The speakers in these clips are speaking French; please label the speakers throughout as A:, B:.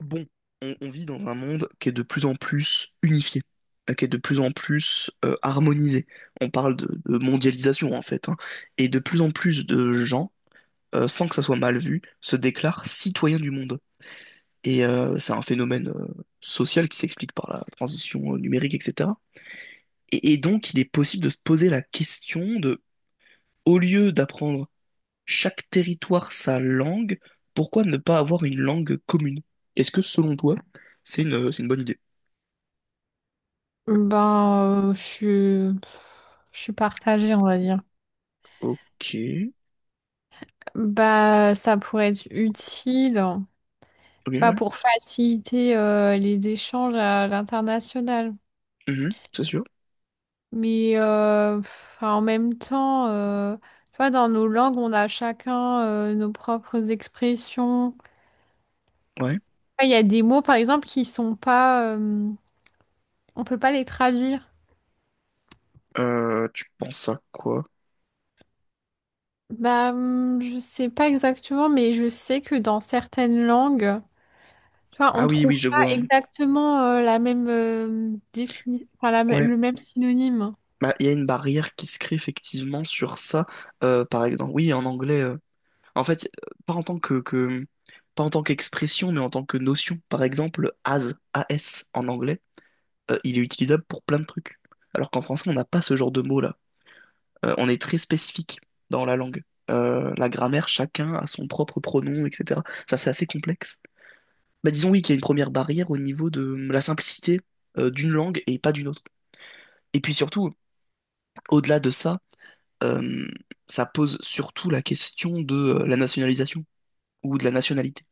A: Bon, on vit dans un monde qui est de plus en plus unifié, qui est de plus en plus harmonisé. On parle de mondialisation en fait, hein. Et de plus en plus de gens, sans que ça soit mal vu, se déclarent citoyens du monde. Et c'est un phénomène social qui s'explique par la transition numérique, etc. Et donc, il est possible de se poser la question de, au lieu d'apprendre chaque territoire sa langue, pourquoi ne pas avoir une langue commune? Est-ce que selon toi, c'est une bonne idée?
B: Ben, je suis partagée, on va dire.
A: Ok.
B: Bah, ça pourrait être utile,
A: Ok,
B: tu vois,
A: ouais.
B: pour faciliter les échanges à l'international.
A: Mhm, c'est sûr.
B: Mais en même temps, tu vois, dans nos langues, on a chacun nos propres expressions.
A: Ouais.
B: Ah, il y a des mots, par exemple, qui sont pas, on peut pas les traduire.
A: Tu penses à quoi?
B: Bah, je sais pas exactement, mais je sais que dans certaines langues. Tu vois, on
A: Ah oui, oui,
B: trouve
A: je
B: pas
A: vois.
B: exactement la même enfin,
A: Ouais.
B: le même synonyme.
A: Bah, il y a une barrière qui se crée effectivement sur ça. Par exemple, oui, en anglais. En fait, pas en tant que- pas en tant qu'expression, mais en tant que notion. Par exemple, as en anglais, il est utilisable pour plein de trucs. Alors qu'en français, on n'a pas ce genre de mot-là. On est très spécifique dans la langue. La grammaire, chacun a son propre pronom, etc. Enfin, c'est assez complexe. Bah, disons oui qu'il y a une première barrière au niveau de la simplicité d'une langue et pas d'une autre. Et puis surtout, au-delà de ça, euh, ça pose surtout la question de la nationalisation ou de la nationalité.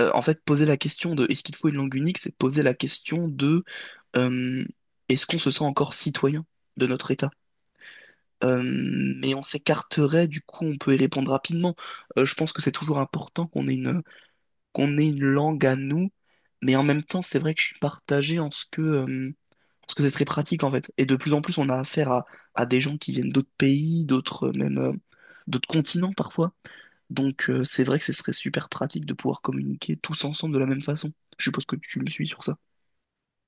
A: En fait, poser la question de est-ce qu'il faut une langue unique, c'est poser la question de euh, est-ce qu'on se sent encore citoyen de notre État? Euh, mais on s'écarterait, du coup, on peut y répondre rapidement. Je pense que c'est toujours important qu'on ait une langue à nous, mais en même temps, c'est vrai que je suis partagé en ce que... Parce que c'est très pratique en fait. Et de plus en plus, on a affaire à des gens qui viennent d'autres pays, d'autres même d'autres continents parfois. Donc c'est vrai que ce serait super pratique de pouvoir communiquer tous ensemble de la même façon. Je suppose que tu me suis sur ça.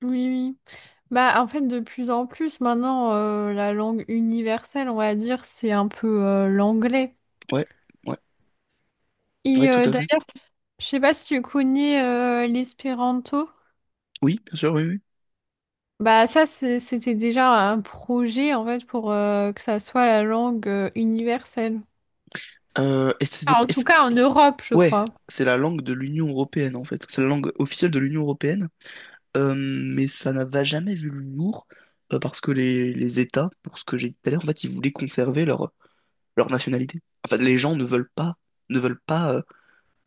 B: Oui, oui. Bah, en fait, de plus en plus, maintenant, la langue universelle, on va dire, c'est un peu l'anglais.
A: Ouais, ouais, ouais,
B: Et
A: tout à fait.
B: d'ailleurs, je sais pas si tu connais l'espéranto.
A: Oui, bien sûr, oui, oui.
B: Bah, ça, c'était déjà un projet, en fait, pour que ça soit la langue universelle.
A: Euh, et c'était,
B: Enfin, en tout
A: est-ce-
B: cas, en Europe, je
A: ouais,
B: crois.
A: c'est la langue de l'Union européenne en fait. C'est la langue officielle de l'Union européenne. Mais ça n'a jamais vu le jour parce que les États, pour ce que j'ai dit tout à l'heure, en fait, ils voulaient conserver leur nationalité. Enfin, les gens ne veulent pas, ne veulent pas euh,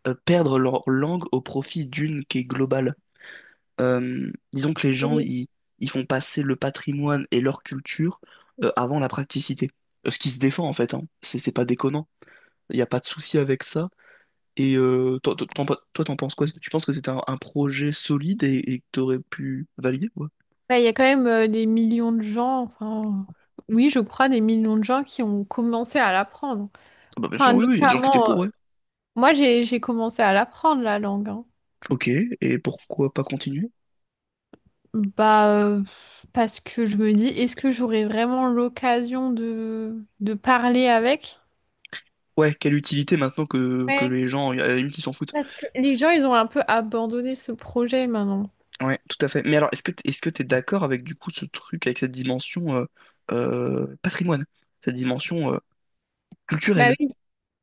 A: euh, perdre leur langue au profit d'une qui est globale. Disons que ils font passer le patrimoine et leur culture avant la praticité. Ce qui se défend en fait, hein. C'est pas déconnant. Il n'y a pas de souci avec ça. Et t'en penses quoi? Tu penses que c'était un projet solide et que t'aurais pu valider? Ouais.
B: Bah, il y a quand même des millions de gens, enfin, oui, je crois, des millions de gens qui ont commencé à l'apprendre.
A: Ah bah bien
B: Enfin,
A: sûr, oui, oui, il y a des gens qui étaient
B: notamment,
A: pour, ouais.
B: moi, j'ai commencé à l'apprendre, la langue. Hein.
A: Ok, et pourquoi pas continuer?
B: Bah, parce que je me dis, est-ce que j'aurai vraiment l'occasion de parler avec?
A: Ouais, quelle utilité maintenant que
B: Ouais,
A: les gens, à la limite, ils s'en foutent.
B: parce que les gens, ils ont un peu abandonné ce projet maintenant.
A: Ouais, tout à fait. Mais alors, est-ce que t'es d'accord avec du coup ce truc, avec cette dimension patrimoine, cette dimension
B: Bah
A: culturelle?
B: oui,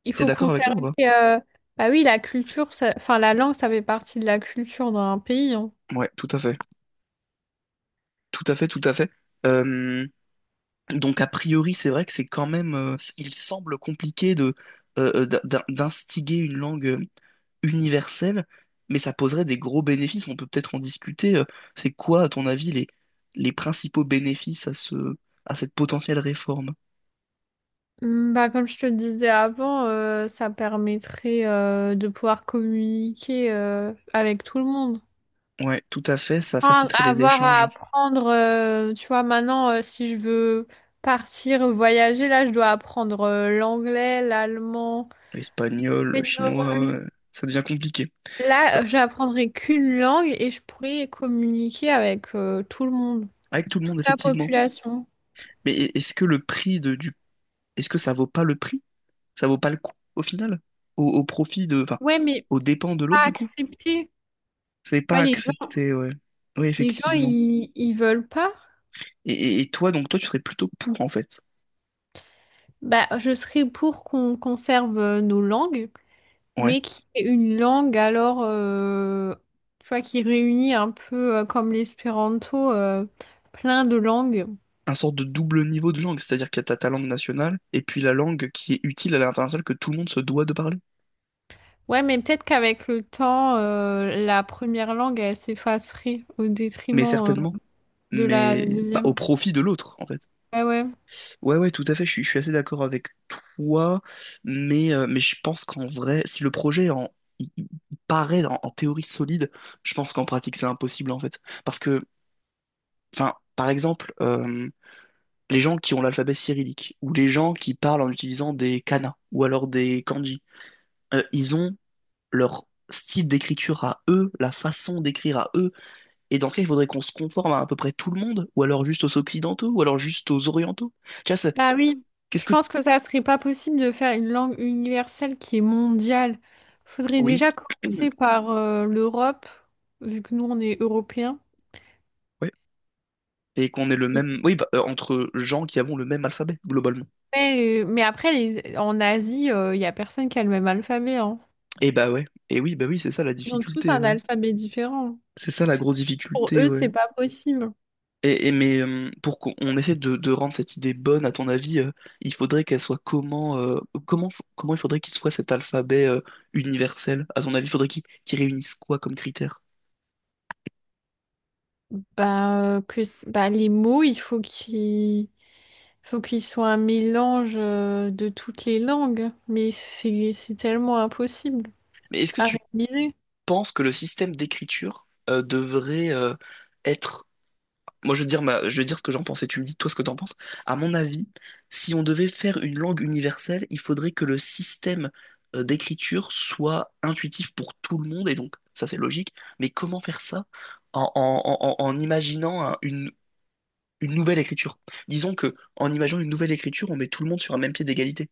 B: il
A: T'es
B: faut
A: d'accord avec ça
B: conserver,
A: ou pas?
B: euh, bah oui, la culture, enfin, la langue, ça fait partie de la culture d'un pays. Hein.
A: Ouais, tout à fait. Tout à fait, tout à fait. Euh, donc, a priori, c'est vrai que c'est quand même. Il semble compliqué de, d'instiguer une langue universelle, mais ça poserait des gros bénéfices. On peut peut-être en discuter. C'est quoi, à ton avis, les principaux bénéfices à à cette potentielle réforme?
B: Bah, comme je te le disais avant, ça permettrait de pouvoir communiquer avec tout le monde.
A: Ouais, tout à fait. Ça
B: Enfin,
A: faciliterait les
B: avoir à
A: échanges.
B: apprendre, tu vois, maintenant, si je veux partir voyager, là, je dois apprendre l'anglais, l'allemand,
A: Espagnol, chinois, ouais,
B: l'espagnol.
A: ouais. Ça devient compliqué. Ça-
B: Là, j'apprendrai qu'une langue et je pourrai communiquer avec tout le monde,
A: Avec tout le
B: toute
A: monde,
B: la
A: effectivement.
B: population.
A: Mais est-ce que le prix de, du... Est-ce que ça vaut pas le prix? Ça vaut pas le coup, au final? Au profit de... Enfin,
B: Ouais, mais
A: aux dépens
B: c'est
A: de l'autre,
B: pas
A: du coup?
B: accepté.
A: C'est pas
B: Ouais, les gens,
A: accepté, ouais. Oui,
B: les gens,
A: effectivement.
B: ils veulent pas.
A: Et toi, donc, toi, tu serais plutôt pour, en fait.
B: Bah, je serais pour qu'on conserve nos langues,
A: Ouais.
B: mais qui est une langue alors, tu vois, qui réunit un peu comme l'espéranto, plein de langues.
A: Un sorte de double niveau de langue, c'est-à-dire qu'il y a ta langue nationale et puis la langue qui est utile à l'international que tout le monde se doit de parler.
B: Ouais, mais peut-être qu'avec le temps, la première langue, elle s'effacerait au
A: Mais
B: détriment,
A: certainement.
B: de la
A: Mais bah, au
B: deuxième.
A: profit de l'autre, en fait.
B: Ouais, ouais.
A: Ouais, ouais, tout à fait, je suis assez d'accord avec toi, mais je pense qu'en vrai, si le projet il paraît en théorie solide, je pense qu'en pratique c'est impossible en fait. Parce que, enfin, par exemple, les gens qui ont l'alphabet cyrillique, ou les gens qui parlent en utilisant des kanas, ou alors des kanji, ils ont leur style d'écriture à eux, la façon d'écrire à eux, et dans ce cas, il faudrait qu'on se conforme à peu près tout le monde, ou alors juste aux occidentaux, ou alors juste aux orientaux. Tu vois, c'est-
B: Bah oui.
A: qu'est-ce
B: Je
A: que...
B: pense que ça serait pas possible de faire une langue universelle qui est mondiale. Faudrait
A: Oui.
B: déjà commencer par, l'Europe, vu que nous, on est européens.
A: Ouais. Et qu'on ait le même. Oui, bah, entre gens qui avons le même alphabet, globalement.
B: Ouais, mais après, en Asie, il n'y a personne qui a le même alphabet, hein.
A: Et bah ouais. Et oui, bah oui, c'est ça la
B: Ils ont tous
A: difficulté,
B: un
A: ouais.
B: alphabet différent.
A: C'est ça la grosse
B: Pour
A: difficulté,
B: eux,
A: ouais.
B: c'est pas possible.
A: Mais pour qu'on essaie de rendre cette idée bonne, à ton avis, il faudrait qu'elle soit comment, comment il faudrait qu'il soit cet alphabet universel? À ton avis, il faudrait qu'il réunisse quoi comme critères?
B: Bah, les mots, il faut qu'ils soient un mélange de toutes les langues, mais c'est tellement impossible
A: Mais est-ce que
B: à
A: tu
B: réaliser.
A: penses que le système d'écriture devrait être Moi, je vais te dire ma- je vais te dire ce que j'en pense et tu me dis toi ce que t'en penses. À mon avis, si on devait faire une langue universelle, il faudrait que le système d'écriture soit intuitif pour tout le monde et donc ça c'est logique. Mais comment faire ça en imaginant une nouvelle écriture? Disons que en imaginant une nouvelle écriture, on met tout le monde sur un même pied d'égalité.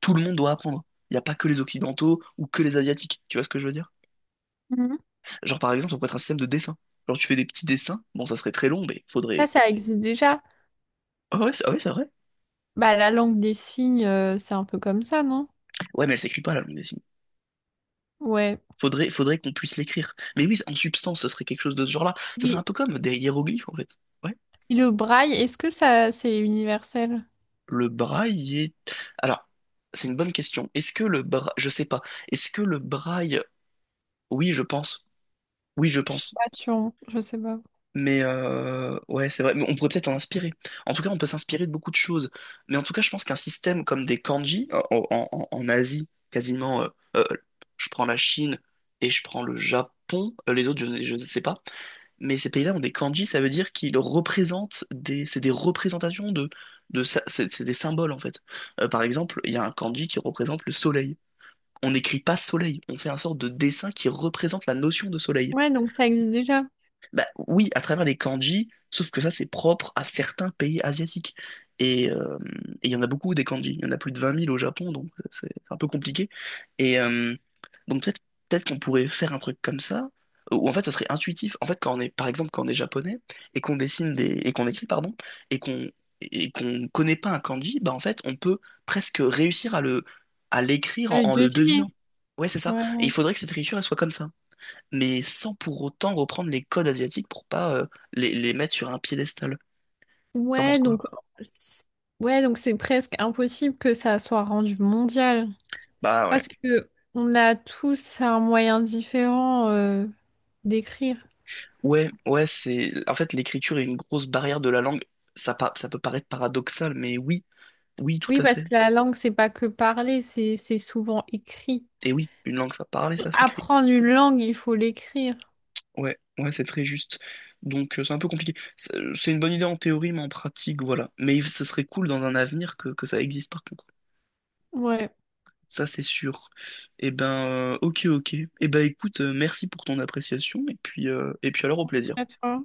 A: Tout le monde doit apprendre. Il n'y a pas que les Occidentaux ou que les Asiatiques. Tu vois ce que je veux dire?
B: Mhm.
A: Genre par exemple, on pourrait être un système de dessin. Genre tu fais des petits dessins. Bon, ça serait très long, mais
B: Ça,
A: faudrait.
B: ça existe déjà.
A: Ah ouais, c'est vrai.
B: Bah, la langue des signes, c'est un peu comme ça, non?
A: Ouais, mais elle s'écrit pas, la langue des signes.
B: Ouais.
A: Faudrait qu'on puisse l'écrire. Mais oui, en substance, ce serait quelque chose de ce genre-là. Ça serait un
B: Oui.
A: peu comme des hiéroglyphes, en fait. Ouais.
B: Et le braille, est-ce que ça, c'est universel?
A: Le braille est... Alors, c'est une bonne question. Est-ce que le braille... Je sais pas. Est-ce que le braille... Oui, je pense. Oui, je
B: Je suis
A: pense.
B: pas sûre, je sais pas.
A: Mais ouais, c'est vrai. Mais on pourrait peut-être en inspirer. En tout cas, on peut s'inspirer de beaucoup de choses. Mais en tout cas, je pense qu'un système comme des kanji, en Asie, quasiment... euh, je prends la Chine et je prends le Japon. Les autres, je ne sais pas. Mais ces pays-là ont des kanji, ça veut dire qu'ils représentent des, c'est des représentations de, c'est des symboles en fait. Par exemple, il y a un kanji qui représente le soleil. On n'écrit pas soleil, on fait un sorte de dessin qui représente la notion de soleil.
B: Ouais, donc ça existe déjà.
A: Bah oui, à travers les kanji, sauf que ça, c'est propre à certains pays asiatiques. Et euh, et il y en a beaucoup des kanji. Il y en a plus de vingt mille au Japon, donc c'est un peu compliqué. Et donc peut-être qu'on pourrait faire un truc comme ça, où en fait, ce serait intuitif. En fait, quand on est, par exemple, quand on est japonais et et qu'on écrit, pardon, et qu'on et qu'on connaît pas un kanji, bah en fait, on peut presque réussir à le à l'écrire
B: Ah,
A: en le
B: deviner.
A: devinant. Ouais, c'est ça.
B: Ouais.
A: Et il faudrait que cette écriture, elle soit comme ça mais sans pour autant reprendre les codes asiatiques pour pas les mettre sur un piédestal. T'en
B: Ouais,
A: penses quoi?
B: donc c'est- ouais, donc c'est presque impossible que ça soit rendu mondial
A: Bah ouais.
B: parce que on a tous un moyen différent d'écrire.
A: Ouais, ouais, c'est. En fait, l'écriture est une grosse barrière de la langue. Ça peut paraître paradoxal, mais oui, oui, tout
B: Oui,
A: à
B: parce
A: fait.
B: que la langue, c'est pas que parler, c'est souvent écrit.
A: Et oui, une langue, ça parle et ça s'écrit.
B: Apprendre une langue, il faut l'écrire.
A: Ouais, ouais, c'est très juste. Donc, c'est un peu compliqué. C'est une bonne idée en théorie, mais en pratique, voilà. Mais ce serait cool dans un avenir que ça existe, par contre.
B: Ouais.
A: Ça, c'est sûr. Eh ben, ok, ok. Eh ben, écoute, merci pour ton appréciation, et puis alors, au plaisir.
B: À toi.